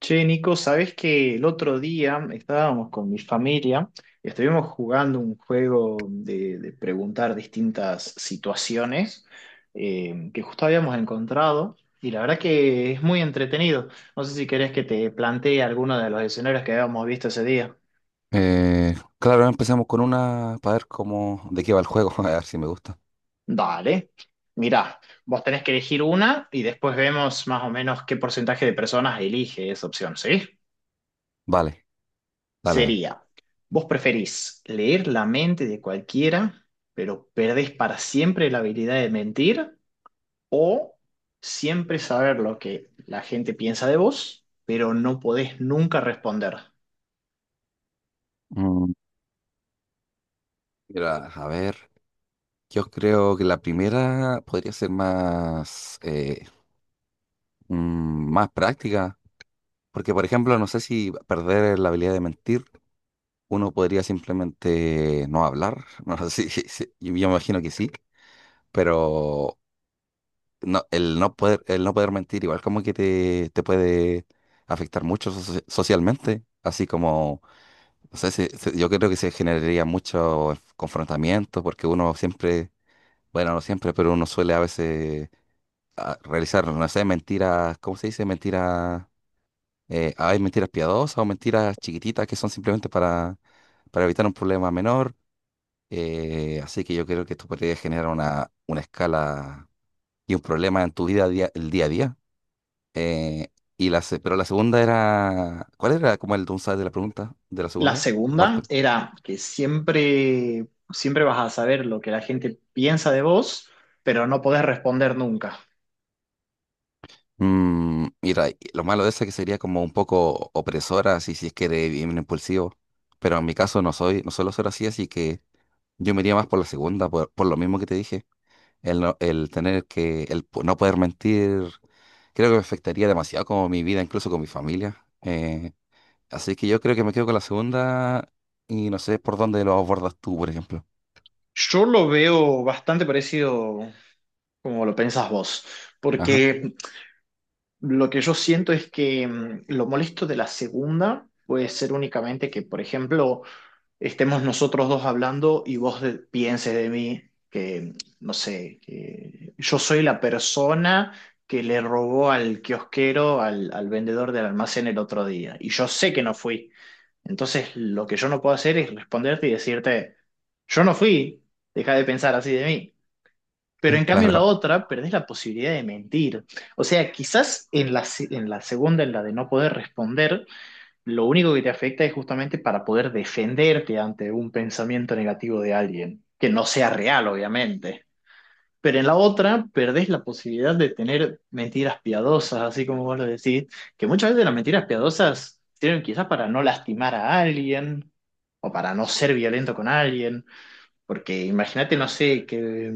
Che, Nico, sabes que el otro día estábamos con mi familia y estuvimos jugando un juego de preguntar distintas situaciones que justo habíamos encontrado y la verdad que es muy entretenido. No sé si querés que te plantee alguno de los escenarios que habíamos visto ese día. Claro, empecemos con una para ver de qué va el juego, a ver si me gusta. Dale. Mirá, vos tenés que elegir una y después vemos más o menos qué porcentaje de personas elige esa opción, ¿sí? Vale, dale. Sería, vos preferís leer la mente de cualquiera, pero perdés para siempre la habilidad de mentir, o siempre saber lo que la gente piensa de vos, pero no podés nunca responder. Mm, Mira, a ver, yo creo que la primera podría ser más, más práctica, porque por ejemplo, no sé si perder la habilidad de mentir, uno podría simplemente no hablar, no sé yo me imagino que sí, pero no, el no poder mentir igual como que te puede afectar mucho socialmente, así como. O sea, yo creo que se generaría mucho confrontamiento porque uno siempre, bueno, no siempre, pero uno suele a veces realizar, no sé, mentiras, ¿cómo se dice? Mentiras, hay mentiras piadosas o mentiras chiquititas que son simplemente para evitar un problema menor. Así que yo creo que esto podría generar una escala y un problema en tu vida, el día a día. Eh, pero la segunda era, ¿cuál era como el downside de la pregunta de la La segunda? segunda Aparte. era que siempre, siempre vas a saber lo que la gente piensa de vos, pero no podés responder nunca. Mm, mira, y lo malo de eso es que sería como un poco opresora, así si es que eres bien impulsivo. Pero en mi caso no soy, no suelo ser así, así que yo me iría más por la segunda, por lo mismo que te dije. El, no- El tener que no poder mentir, creo que me afectaría demasiado como mi vida, incluso con mi familia. Así que yo creo que me quedo con la segunda y no sé por dónde lo abordas tú, por ejemplo. Yo lo veo bastante parecido como lo pensás vos, Ajá, porque... Lo que yo siento es que lo molesto de la segunda puede ser únicamente que, por ejemplo, estemos nosotros dos hablando y vos pienses de mí que, no sé, que yo soy la persona que le robó al kiosquero, al, al vendedor del almacén el otro día. Y yo sé que no fui. Entonces, lo que yo no puedo hacer es responderte y decirte, yo no fui, deja de pensar así de mí. Pero en cambio en la claro, otra perdés la posibilidad de mentir. O sea, quizás en en la segunda, en la de no poder responder, lo único que te afecta es justamente para poder defenderte ante un pensamiento negativo de alguien, que no sea real, obviamente. Pero en la otra perdés la posibilidad de tener mentiras piadosas, así como vos lo decís, que muchas veces las mentiras piadosas sirven quizás para no lastimar a alguien o para no ser violento con alguien, porque imagínate, no sé, que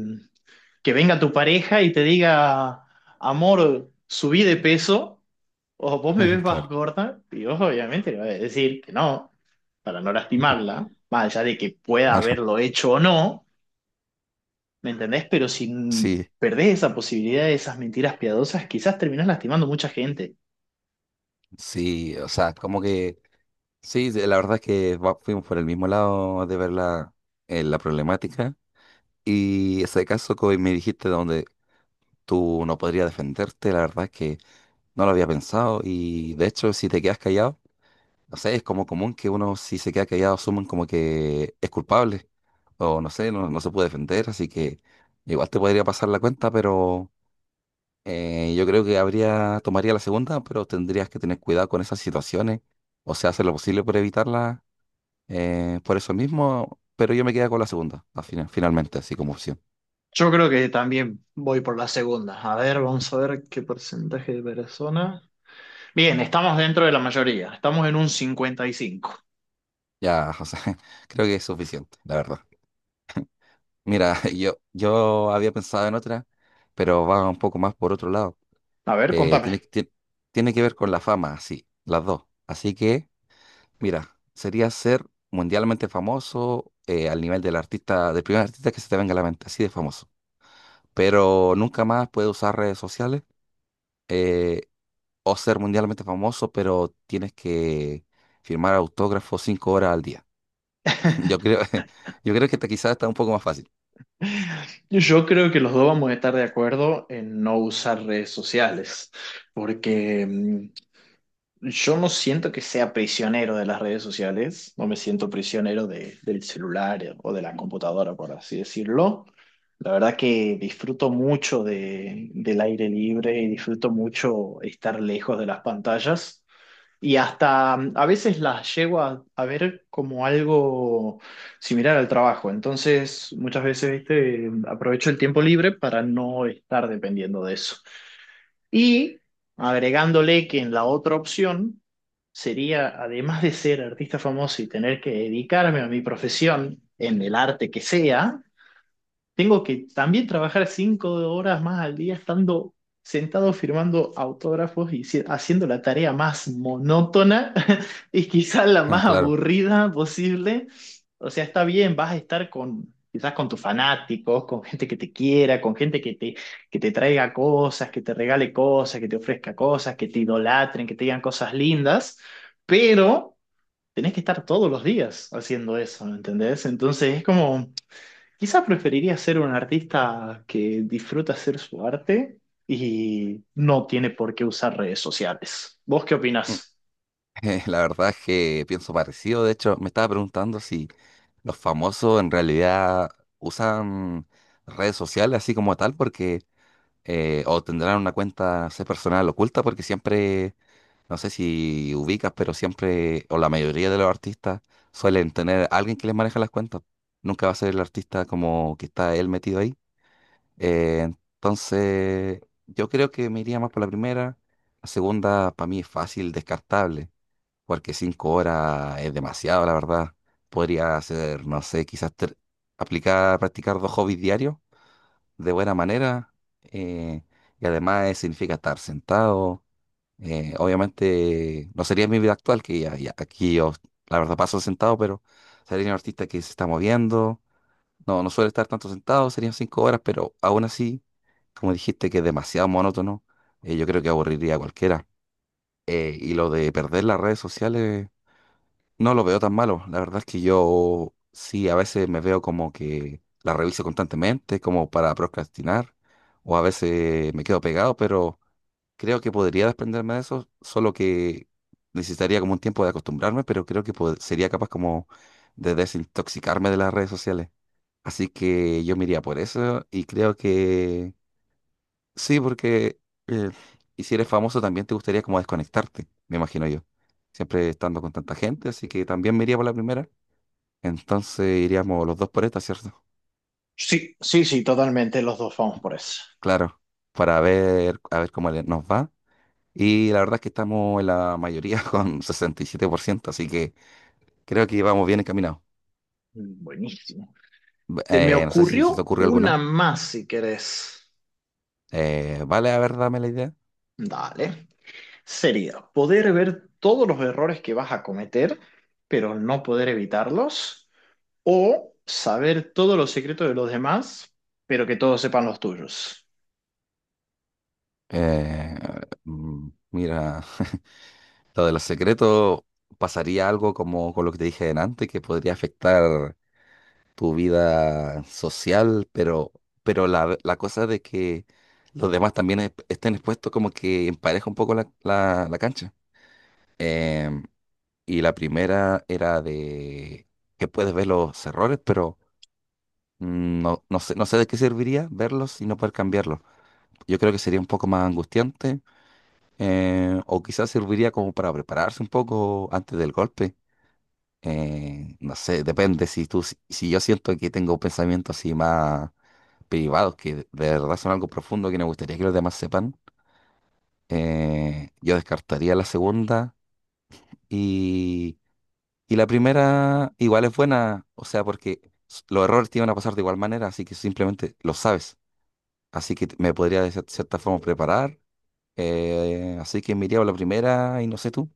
que venga tu pareja y te diga, amor, subí de peso, o vos me ves claro, más gorda, y vos obviamente le vas a decir que no, para no lastimarla, más allá de que pueda claro. haberlo hecho o no, ¿me entendés? Pero si Sí, perdés esa posibilidad de esas mentiras piadosas, quizás terminás lastimando mucha gente. sí, o sea, como que sí. La verdad es que fuimos por el mismo lado de ver la problemática y ese caso que hoy me dijiste donde tú no podrías defenderte, la verdad es que no lo había pensado y de hecho si te quedas callado, no sé, es como común que uno si se queda callado asumen como que es culpable o no sé, no se puede defender, así que igual te podría pasar la cuenta, pero yo creo que habría, tomaría la segunda, pero tendrías que tener cuidado con esas situaciones, o sea, hacer lo posible por evitarlas por eso mismo, pero yo me quedé con la segunda, al final, finalmente, así como opción. Yo creo que también voy por la segunda. A ver, vamos a ver qué porcentaje de personas. Bien, estamos dentro de la mayoría. Estamos en un 55. Ya, José, creo que es suficiente, la verdad. Mira, yo había pensado en otra, pero va un poco más por otro lado. A ver, Eh, contame. tiene, que- tie- tiene que ver con la fama, así, las dos. Así que, mira, sería ser mundialmente famoso al nivel del artista, del primer artista que se te venga a la mente, así de famoso. Pero nunca más puede usar redes sociales. eh, o ser mundialmente famoso, pero tienes que firmar autógrafos 5 horas al día. Yo creo, yo creo que esta quizás está un poco más fácil. Yo creo que los dos vamos a estar de acuerdo en no usar redes sociales, porque yo no siento que sea prisionero de las redes sociales, no me siento prisionero del celular o de la computadora, por así decirlo. La verdad que disfruto mucho del aire libre y disfruto mucho estar lejos de las pantallas. Y hasta a veces las llego a ver como algo similar al trabajo. Entonces, muchas veces, viste, aprovecho el tiempo libre para no estar dependiendo de eso. Y agregándole que en la otra opción sería, además de ser artista famoso y tener que dedicarme a mi profesión en el arte que sea, tengo que también trabajar 5 horas más al día estando sentado firmando autógrafos y haciendo la tarea más monótona y quizás la más Claro. aburrida posible. O sea, está bien, vas a estar con quizás con tus fanáticos, con gente que te quiera, con gente que te traiga cosas, que te regale cosas, que te ofrezca cosas, que te idolatren, que te digan cosas lindas, pero tenés que estar todos los días haciendo eso, ¿me entendés? Entonces es como... Quizás preferiría ser un artista que disfruta hacer su arte y no tiene por qué usar redes sociales. ¿Vos qué Mm. opinás? La verdad es que pienso parecido. De hecho, me estaba preguntando si los famosos en realidad usan redes sociales así como tal, porque o tendrán una cuenta, no sé, personal oculta, porque siempre. No sé si ubicas, pero siempre, o la mayoría de los artistas suelen tener alguien que les maneja las cuentas. Nunca va a ser el artista como que está él metido ahí. Eh, entonces, yo creo que me iría más por la primera. La segunda, para mí, es fácil, descartable, porque 5 horas es demasiado, la verdad. Podría hacer, no sé, quizás aplicar, practicar dos hobbies diarios de buena manera. eh, y además significa estar sentado, obviamente no sería mi vida actual, que ya aquí yo la verdad paso sentado, pero sería un artista que se está moviendo. No suele estar tanto sentado, serían 5 horas, pero aún así, como dijiste, que es demasiado monótono, yo creo que aburriría a cualquiera. Y lo de perder las redes sociales, no lo veo tan malo. La verdad es que yo sí, a veces me veo como que la reviso constantemente, como para procrastinar, o a veces me quedo pegado, pero creo que podría desprenderme de eso, solo que necesitaría como un tiempo de acostumbrarme, pero creo que sería capaz como de desintoxicarme de las redes sociales. Así que yo me iría por eso y creo que sí, porque eh, y si eres famoso también te gustaría como desconectarte, me imagino yo. Siempre estando con tanta gente, así que también me iría por la primera. Entonces iríamos los dos por esta, ¿cierto? Sí, sí, sí, totalmente, los dos vamos por eso. Claro, a ver cómo nos va. Y la verdad es que estamos en la mayoría con 67%, así que creo que vamos bien encaminados. Mm, buenísimo. Se me No sé si se te ocurrió ocurre una alguna. más si querés. Vale, a ver, dame la idea. Dale. Sería poder ver todos los errores que vas a cometer, pero no poder evitarlos, o saber todos los secretos de los demás, pero que todos sepan los tuyos. Eh, mm, mira, lo de los secretos, ¿pasaría algo como con lo que te dije en antes, que podría afectar tu vida social? Pero la cosa de que los demás también estén expuestos como que empareja un poco la cancha. Em, y la primera era de que puedes ver los errores, pero mm, no, no sé, no sé de qué serviría verlos y no poder cambiarlos. Yo creo que sería un poco más angustiante, o quizás serviría como para prepararse un poco antes del golpe. No sé, depende. Si tú, si yo siento que tengo pensamientos así más privados, que de verdad son algo profundo que me gustaría que los demás sepan, yo descartaría la segunda y, y la primera igual es buena, o sea, porque los errores te iban a pasar de igual manera, así que simplemente lo sabes. Así que me podría de cierta forma preparar. Así que me iría por la primera y no sé tú.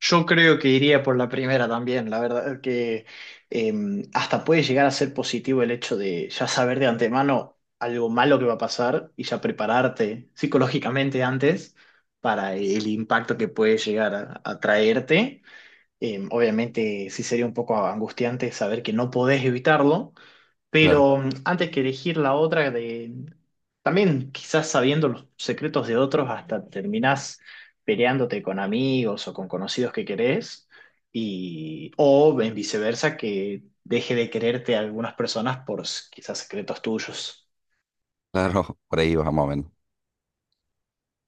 Yo creo que iría por la primera también, la verdad que eh, hasta puede llegar a ser positivo el hecho de ya saber de antemano algo malo que va a pasar y ya prepararte psicológicamente antes para el impacto que puede llegar a traerte. Obviamente sí sería un poco angustiante saber que no podés evitarlo, Claro, pero antes que elegir la otra, de, también quizás sabiendo los secretos de otros, hasta terminás peleándote con amigos o con conocidos que querés, y, o en viceversa, que deje de quererte a algunas personas por quizás secretos tuyos. claro, por ahí vamos más o menos.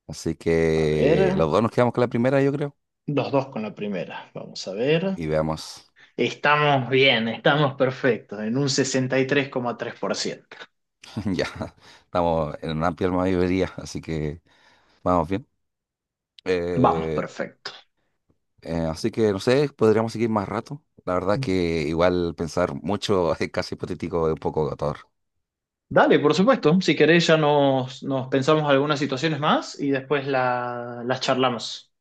Así A que ver, los dos nos quedamos con la primera, yo creo. los dos con la primera, vamos a ver. Y veamos. Estamos bien, estamos perfectos, en un 63,3%. Ya, estamos en una amplia mayoría, así que vamos bien. Vamos, Eh, perfecto. Así que no sé, podríamos seguir más rato. La verdad que igual pensar mucho es casi hipotético, es un poco agotador. Dale, por supuesto. Si querés, ya nos pensamos algunas situaciones más y después las charlamos.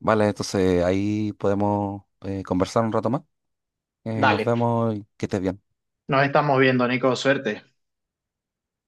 Vale, entonces ahí podemos conversar un rato más. Nos Dale. vemos y que estés bien. Nos estamos viendo, Nico. Suerte.